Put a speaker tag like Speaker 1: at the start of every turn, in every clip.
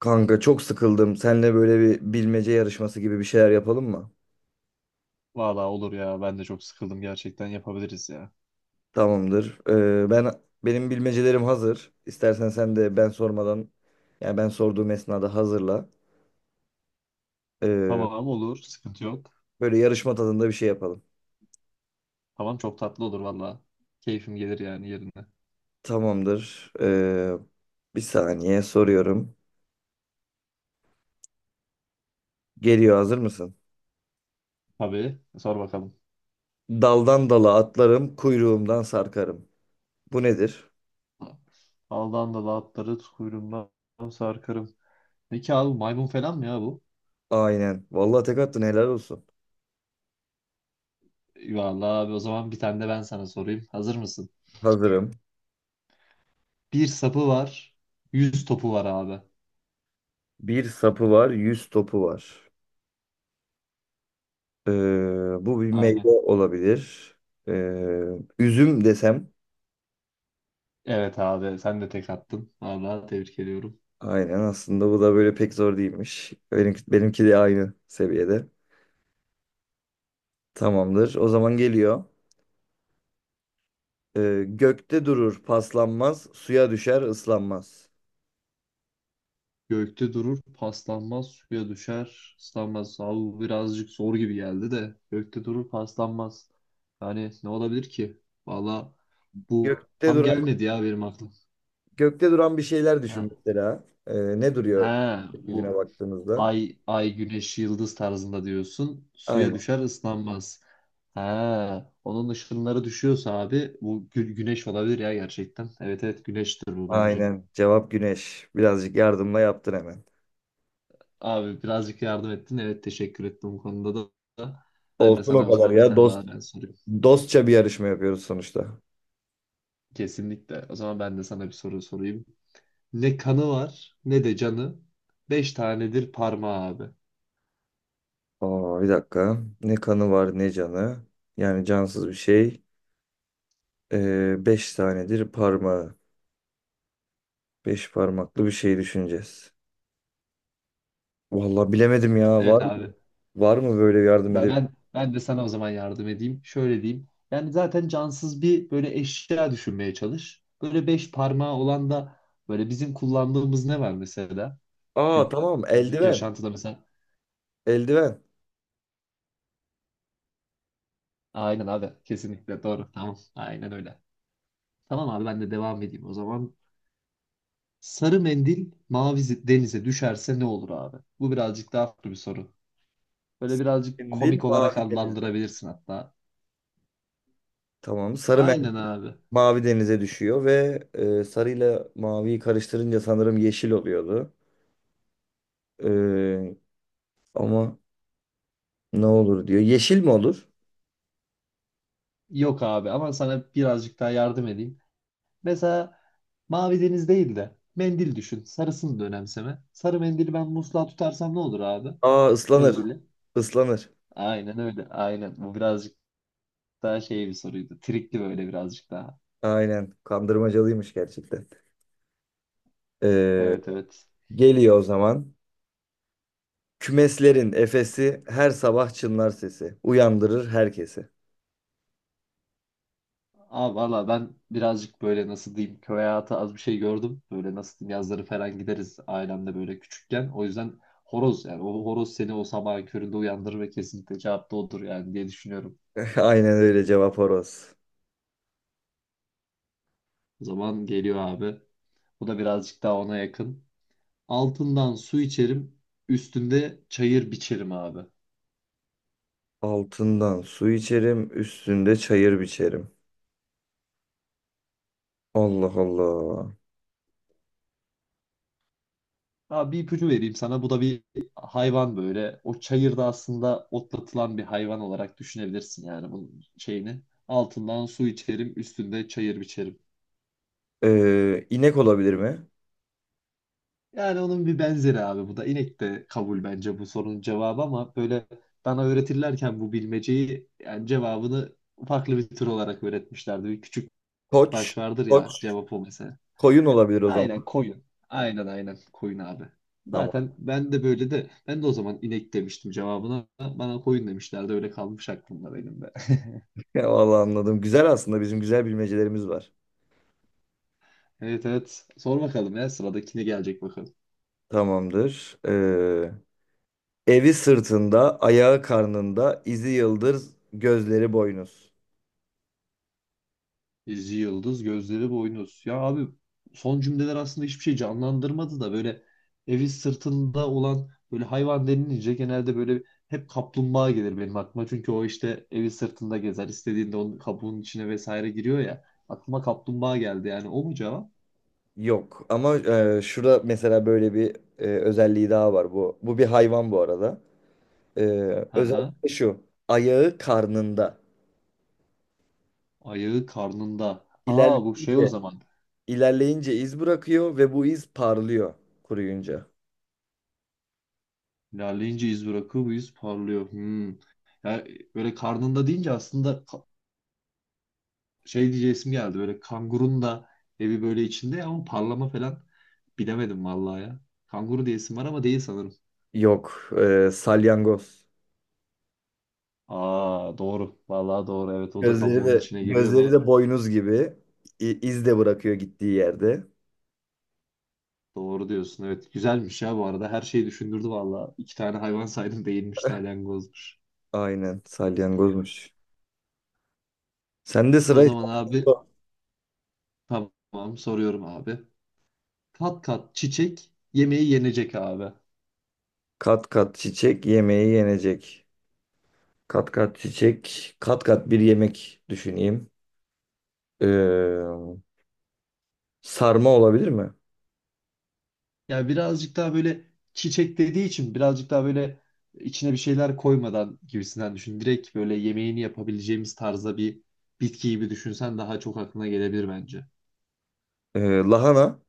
Speaker 1: Kanka çok sıkıldım. Seninle böyle bir bilmece yarışması gibi bir şeyler yapalım mı?
Speaker 2: Valla olur ya. Ben de çok sıkıldım gerçekten. Yapabiliriz ya.
Speaker 1: Tamamdır. Benim bilmecelerim hazır. İstersen sen de ben sormadan yani ben sorduğum esnada hazırla. Ee,
Speaker 2: Tamam olur. Sıkıntı yok.
Speaker 1: böyle yarışma tadında bir şey yapalım.
Speaker 2: Tamam çok tatlı olur valla. Keyfim gelir yani yerine.
Speaker 1: Tamamdır. Bir saniye soruyorum. Geliyor, hazır mısın?
Speaker 2: Tabii. Sor bakalım.
Speaker 1: Daldan dala atlarım, kuyruğumdan sarkarım. Bu nedir?
Speaker 2: Aldan da atları kuyruğumdan sarkarım. Ne ki abi, maymun falan mı ya bu?
Speaker 1: Aynen. Vallahi tek attın, helal olsun.
Speaker 2: Valla abi, o zaman bir tane de ben sana sorayım. Hazır mısın?
Speaker 1: Hazırım.
Speaker 2: Bir sapı var. Yüz topu var abi.
Speaker 1: Bir sapı var, yüz topu var. Ee, bu bir meyve
Speaker 2: Aynen.
Speaker 1: olabilir. Ee, üzüm desem.
Speaker 2: Evet abi sen de tek attın. Valla tebrik ediyorum.
Speaker 1: Aynen, aslında bu da böyle pek zor değilmiş. Benimki de aynı seviyede. Tamamdır. O zaman geliyor. Gökte durur, paslanmaz, suya düşer, ıslanmaz.
Speaker 2: Gökte durur, paslanmaz, suya düşer, ıslanmaz. Abi bu birazcık zor gibi geldi de. Gökte durur, paslanmaz. Yani ne olabilir ki? Valla bu
Speaker 1: Gökte
Speaker 2: tam
Speaker 1: duran
Speaker 2: gelmedi ya benim aklıma.
Speaker 1: gökte duran bir şeyler düşün
Speaker 2: Ha,
Speaker 1: mesela. Ne duruyor
Speaker 2: ha,
Speaker 1: yüzüne
Speaker 2: bu
Speaker 1: baktığınızda?
Speaker 2: ay, ay, güneş, yıldız tarzında diyorsun. Suya
Speaker 1: Aynen.
Speaker 2: düşer, ıslanmaz. Ha, onun ışınları düşüyorsa abi bu güneş olabilir ya gerçekten. Evet evet, güneştir bu bence.
Speaker 1: Aynen. Cevap güneş. Birazcık yardımla yaptın hemen.
Speaker 2: Abi birazcık yardım ettin. Evet, teşekkür ettim bu konuda da. Ben de
Speaker 1: Olsun o
Speaker 2: sana o
Speaker 1: kadar
Speaker 2: zaman bir
Speaker 1: ya.
Speaker 2: tane
Speaker 1: Dost
Speaker 2: daha ben sorayım.
Speaker 1: dostça bir yarışma yapıyoruz sonuçta.
Speaker 2: Kesinlikle. O zaman ben de sana bir soru sorayım. Ne kanı var ne de canı. Beş tanedir parmağı abi.
Speaker 1: Aa, bir dakika. Ne kanı var ne canı. Yani cansız bir şey. Beş tanedir parmağı. Beş parmaklı bir şey düşüneceğiz. Vallahi bilemedim ya.
Speaker 2: Evet
Speaker 1: Var mı?
Speaker 2: abi.
Speaker 1: Var mı böyle yardım
Speaker 2: Ben,
Speaker 1: edebilir?
Speaker 2: ben, ben de sana o zaman yardım edeyim. Şöyle diyeyim. Yani zaten cansız bir böyle eşya düşünmeye çalış. Böyle beş parmağı olan da böyle bizim kullandığımız ne var mesela?
Speaker 1: Aa, tamam.
Speaker 2: Günlük
Speaker 1: Eldiven.
Speaker 2: yaşantıda mesela.
Speaker 1: Eldiven.
Speaker 2: Aynen abi. Kesinlikle doğru. Tamam. Aynen öyle. Tamam abi, ben de devam edeyim o zaman. Sarı mendil mavi denize düşerse ne olur abi? Bu birazcık daha farklı bir soru. Böyle birazcık
Speaker 1: Sendil
Speaker 2: komik olarak
Speaker 1: mavi denizde.
Speaker 2: adlandırabilirsin hatta.
Speaker 1: Tamam.
Speaker 2: Aynen abi.
Speaker 1: Mavi denize düşüyor ve sarıyla maviyi karıştırınca sanırım yeşil oluyordu. Ee, ama ne olur diyor. Yeşil mi olur?
Speaker 2: Yok abi, ama sana birazcık daha yardım edeyim. Mesela mavi deniz değil de mendil düşün. Sarısını da önemseme. Sarı mendili ben musluğa tutarsam ne olur abi?
Speaker 1: Aa, ıslanır.
Speaker 2: Mendili.
Speaker 1: Islanır.
Speaker 2: Aynen öyle. Aynen. Bu birazcık daha şey bir soruydu. Trikli böyle birazcık daha.
Speaker 1: Aynen. Kandırmacalıymış gerçekten. Ee,
Speaker 2: Evet evet.
Speaker 1: geliyor o zaman. Kümeslerin efesi, her sabah çınlar sesi, uyandırır herkesi.
Speaker 2: Abi valla ben birazcık böyle nasıl diyeyim, köy hayatı az bir şey gördüm. Böyle nasıl diyeyim, yazları falan gideriz ailemle böyle küçükken. O yüzden horoz, yani o horoz seni o sabahın köründe uyandırır ve kesinlikle cevap da odur yani diye düşünüyorum.
Speaker 1: Aynen, öyle, cevap horoz.
Speaker 2: O zaman geliyor abi. Bu da birazcık daha ona yakın. Altından su içerim, üstünde çayır biçerim abi.
Speaker 1: Altından su içerim, üstünde çayır biçerim. Allah Allah.
Speaker 2: Abi bir ipucu vereyim sana. Bu da bir hayvan böyle. O çayırda aslında otlatılan bir hayvan olarak düşünebilirsin yani bunun şeyini. Altından su içerim, üstünde çayır biçerim.
Speaker 1: İnek olabilir mi?
Speaker 2: Yani onun bir benzeri abi bu da. İnek de kabul bence bu sorunun cevabı ama böyle bana öğretirlerken bu bilmeceyi yani cevabını farklı bir tür olarak öğretmişlerdi. Bir küçük
Speaker 1: Koç.
Speaker 2: baş vardır ya,
Speaker 1: Koç.
Speaker 2: cevap o mesela.
Speaker 1: Koyun olabilir o zaman.
Speaker 2: Aynen koyun. Aynen aynen koyun abi.
Speaker 1: Tamam.
Speaker 2: Zaten ben de böyle de ben de o zaman inek demiştim cevabına. Bana koyun demişlerdi, öyle kalmış aklımda benim de.
Speaker 1: Ya vallahi anladım. Güzel aslında. Bizim güzel bilmecelerimiz var.
Speaker 2: Evet evet, sor bakalım ya, sıradakine gelecek bakalım.
Speaker 1: Tamamdır. Evi sırtında, ayağı karnında, izi yıldız, gözleri boynuz.
Speaker 2: İzi yıldız, gözleri boynuz. Ya abi, son cümleler aslında hiçbir şey canlandırmadı da böyle evi sırtında olan böyle hayvan denilince genelde böyle hep kaplumbağa gelir benim aklıma. Çünkü o işte evi sırtında gezer, istediğinde onun kabuğunun içine vesaire giriyor ya. Aklıma kaplumbağa geldi, yani o mu cevap?
Speaker 1: Yok ama şurada mesela böyle bir özelliği daha var bu. Bu bir hayvan bu arada. E,
Speaker 2: Hı hı.
Speaker 1: özellikle şu, ayağı karnında.
Speaker 2: Ayağı karnında. Aa, bu şey o
Speaker 1: İlerleyince,
Speaker 2: zaman.
Speaker 1: ilerleyince iz bırakıyor ve bu iz parlıyor kuruyunca.
Speaker 2: İlerleyince iz bırakır, bu iz parlıyor. Hmm. Ya böyle karnında deyince aslında şey diyeceğim geldi. Böyle kangurun da evi böyle içinde ama parlama falan bilemedim vallahi ya. Kanguru diyesim var ama değil sanırım.
Speaker 1: Yok, salyangoz.
Speaker 2: Aa doğru. Vallahi doğru. Evet, o da
Speaker 1: Gözleri
Speaker 2: kabuğun
Speaker 1: de
Speaker 2: içine giriyor
Speaker 1: gözleri
Speaker 2: ve
Speaker 1: de boynuz gibi. İ- iz de bırakıyor gittiği yerde.
Speaker 2: doğru diyorsun. Evet, güzelmiş ya bu arada. Her şeyi düşündürdü vallahi. İki tane hayvan saydım, değilmiş, salyangozmuş.
Speaker 1: Aynen, salyangozmuş. Sende
Speaker 2: O
Speaker 1: sıra.
Speaker 2: zaman abi tamam, soruyorum abi. Kat kat çiçek, yemeği yenecek abi.
Speaker 1: Kat kat çiçek, yemeği yenecek. Kat kat çiçek, kat kat bir yemek düşüneyim. Ee, sarma olabilir mi?
Speaker 2: Yani birazcık daha böyle çiçek dediği için birazcık daha böyle içine bir şeyler koymadan gibisinden düşün. Direkt böyle yemeğini yapabileceğimiz tarzda bir bitki gibi düşünsen daha çok aklına gelebilir bence.
Speaker 1: Lahana.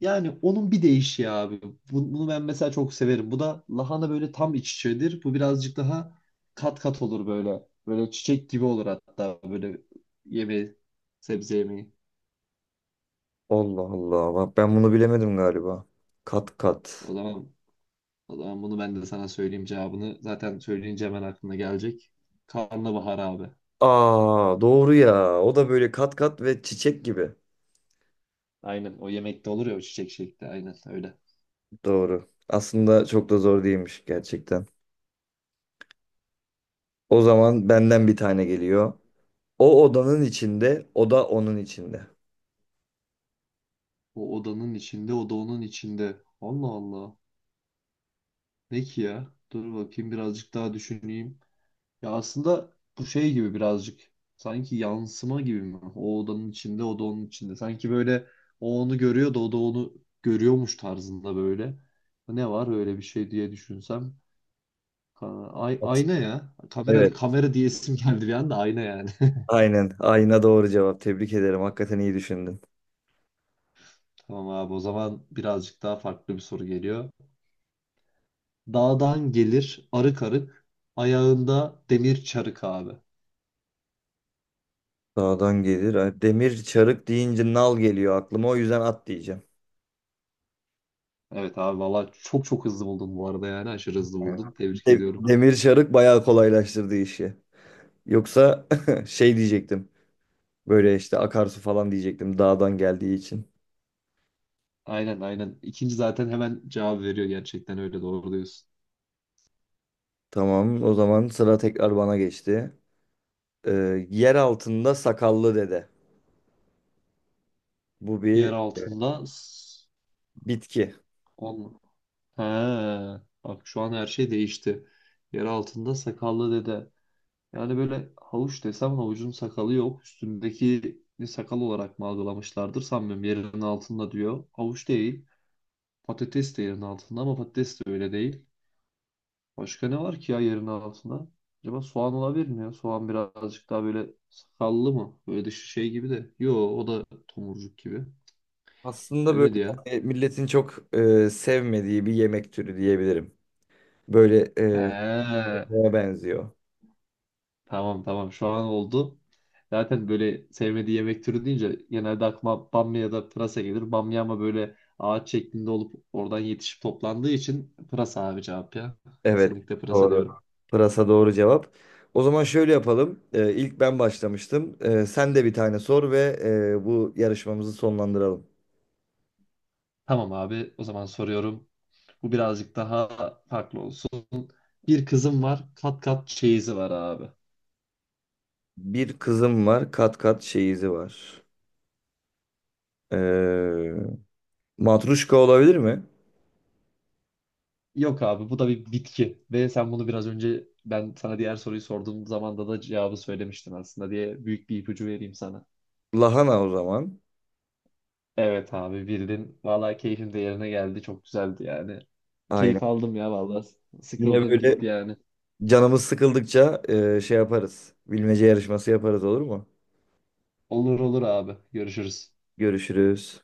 Speaker 2: Yani onun bir değişiği abi. Bunu ben mesela çok severim. Bu da lahana böyle tam iç içedir. Bu birazcık daha kat kat olur böyle. Böyle çiçek gibi olur hatta, böyle yemeği, sebze yemeği.
Speaker 1: Allah Allah. Bak, ben bunu bilemedim galiba. Kat kat.
Speaker 2: O zaman O zaman bunu ben de sana söyleyeyim cevabını. Zaten söyleyince hemen aklına gelecek. Karnabahar abi.
Speaker 1: Aa, doğru ya. O da böyle kat kat ve çiçek gibi.
Speaker 2: Aynen, o yemekte olur ya o çiçek şekli. Aynen öyle.
Speaker 1: Doğru. Aslında çok da zor değilmiş gerçekten. O zaman benden bir tane geliyor. O odanın içinde, o da onun içinde.
Speaker 2: O odanın içinde, o da onun içinde. Allah Allah. Ne ki ya? Dur bakayım, birazcık daha düşüneyim. Ya aslında bu şey gibi birazcık. Sanki yansıma gibi mi? O odanın içinde, o da onun içinde. Sanki böyle o onu görüyor da o da onu görüyormuş tarzında böyle. Ne var öyle bir şey diye düşünsem. Ha, ay-
Speaker 1: Evet.
Speaker 2: ayna ya. Kamera
Speaker 1: Evet.
Speaker 2: kamera diyesim geldi bir anda, ayna yani.
Speaker 1: Aynen. Ayna doğru cevap. Tebrik ederim. Hakikaten iyi düşündün.
Speaker 2: Tamam abi, o zaman birazcık daha farklı bir soru geliyor. Dağdan gelir arık arık, ayağında demir çarık abi.
Speaker 1: Dağdan gelir. Ay, demir çarık deyince nal geliyor aklıma. O yüzden at diyeceğim.
Speaker 2: Evet abi valla çok çok hızlı buldun bu arada, yani aşırı hızlı buldun. Tebrik
Speaker 1: De-
Speaker 2: ediyorum.
Speaker 1: demir çarık bayağı kolaylaştırdı işi. Yoksa şey diyecektim. Böyle işte akarsu falan diyecektim dağdan geldiği için.
Speaker 2: Aynen aynen. İkinci zaten hemen cevap veriyor gerçekten, öyle doğru diyorsun.
Speaker 1: Tamam, o zaman sıra tekrar bana geçti. Yer altında sakallı dede. Bu
Speaker 2: Yer
Speaker 1: bir
Speaker 2: altında s-
Speaker 1: bitki.
Speaker 2: on... He, bak şu an her şey değişti. Yer altında sakallı dede. Yani böyle havuç desem, havucun sakalı yok. Üstündeki sakal olarak mı algılamışlardır, sanmıyorum. Yerinin altında diyor. Havuç değil. Patates de yerin altında ama patates de öyle değil. Başka ne var ki ya yerin altında? Acaba soğan olabilir mi ya? Soğan birazcık daha böyle sakallı mı? Böyle dışı şey gibi de. Yo, o da tomurcuk gibi.
Speaker 1: Aslında böyle
Speaker 2: Gelmedi ya.
Speaker 1: hani milletin çok sevmediği bir yemek türü diyebilirim. Böyle
Speaker 2: He.
Speaker 1: kokmaya benziyor.
Speaker 2: Tamam tamam, şu an oldu. Zaten böyle sevmediği yemek türü deyince genelde aklıma bamya ya da pırasa gelir. Bamya ama böyle ağaç şeklinde olup oradan yetişip toplandığı için pırasa abi cevap ya.
Speaker 1: Evet,
Speaker 2: Kesinlikle pırasa
Speaker 1: doğru.
Speaker 2: diyorum.
Speaker 1: Pırasa doğru cevap. O zaman şöyle yapalım. İlk ben başlamıştım. Sen de bir tane sor ve bu yarışmamızı sonlandıralım.
Speaker 2: Tamam abi, o zaman soruyorum. Bu birazcık daha farklı olsun. Bir kızım var, kat kat çeyizi var abi.
Speaker 1: Bir kızım var, kat kat çeyizi var. Ee, matruşka olabilir mi?
Speaker 2: Yok abi, bu da bir bitki ve sen bunu biraz önce ben sana diğer soruyu sorduğum zamanda da cevabı söylemiştin aslında diye büyük bir ipucu vereyim sana.
Speaker 1: Lahana o zaman.
Speaker 2: Evet abi, bildin. Vallahi keyfim de yerine geldi. Çok güzeldi yani.
Speaker 1: Aynen.
Speaker 2: Keyif aldım ya vallahi.
Speaker 1: Yine
Speaker 2: Sıkıldım
Speaker 1: böyle
Speaker 2: gitti yani.
Speaker 1: canımız sıkıldıkça şey yaparız. Bilmece yarışması yaparız, olur mu?
Speaker 2: Olur olur abi. Görüşürüz.
Speaker 1: Görüşürüz.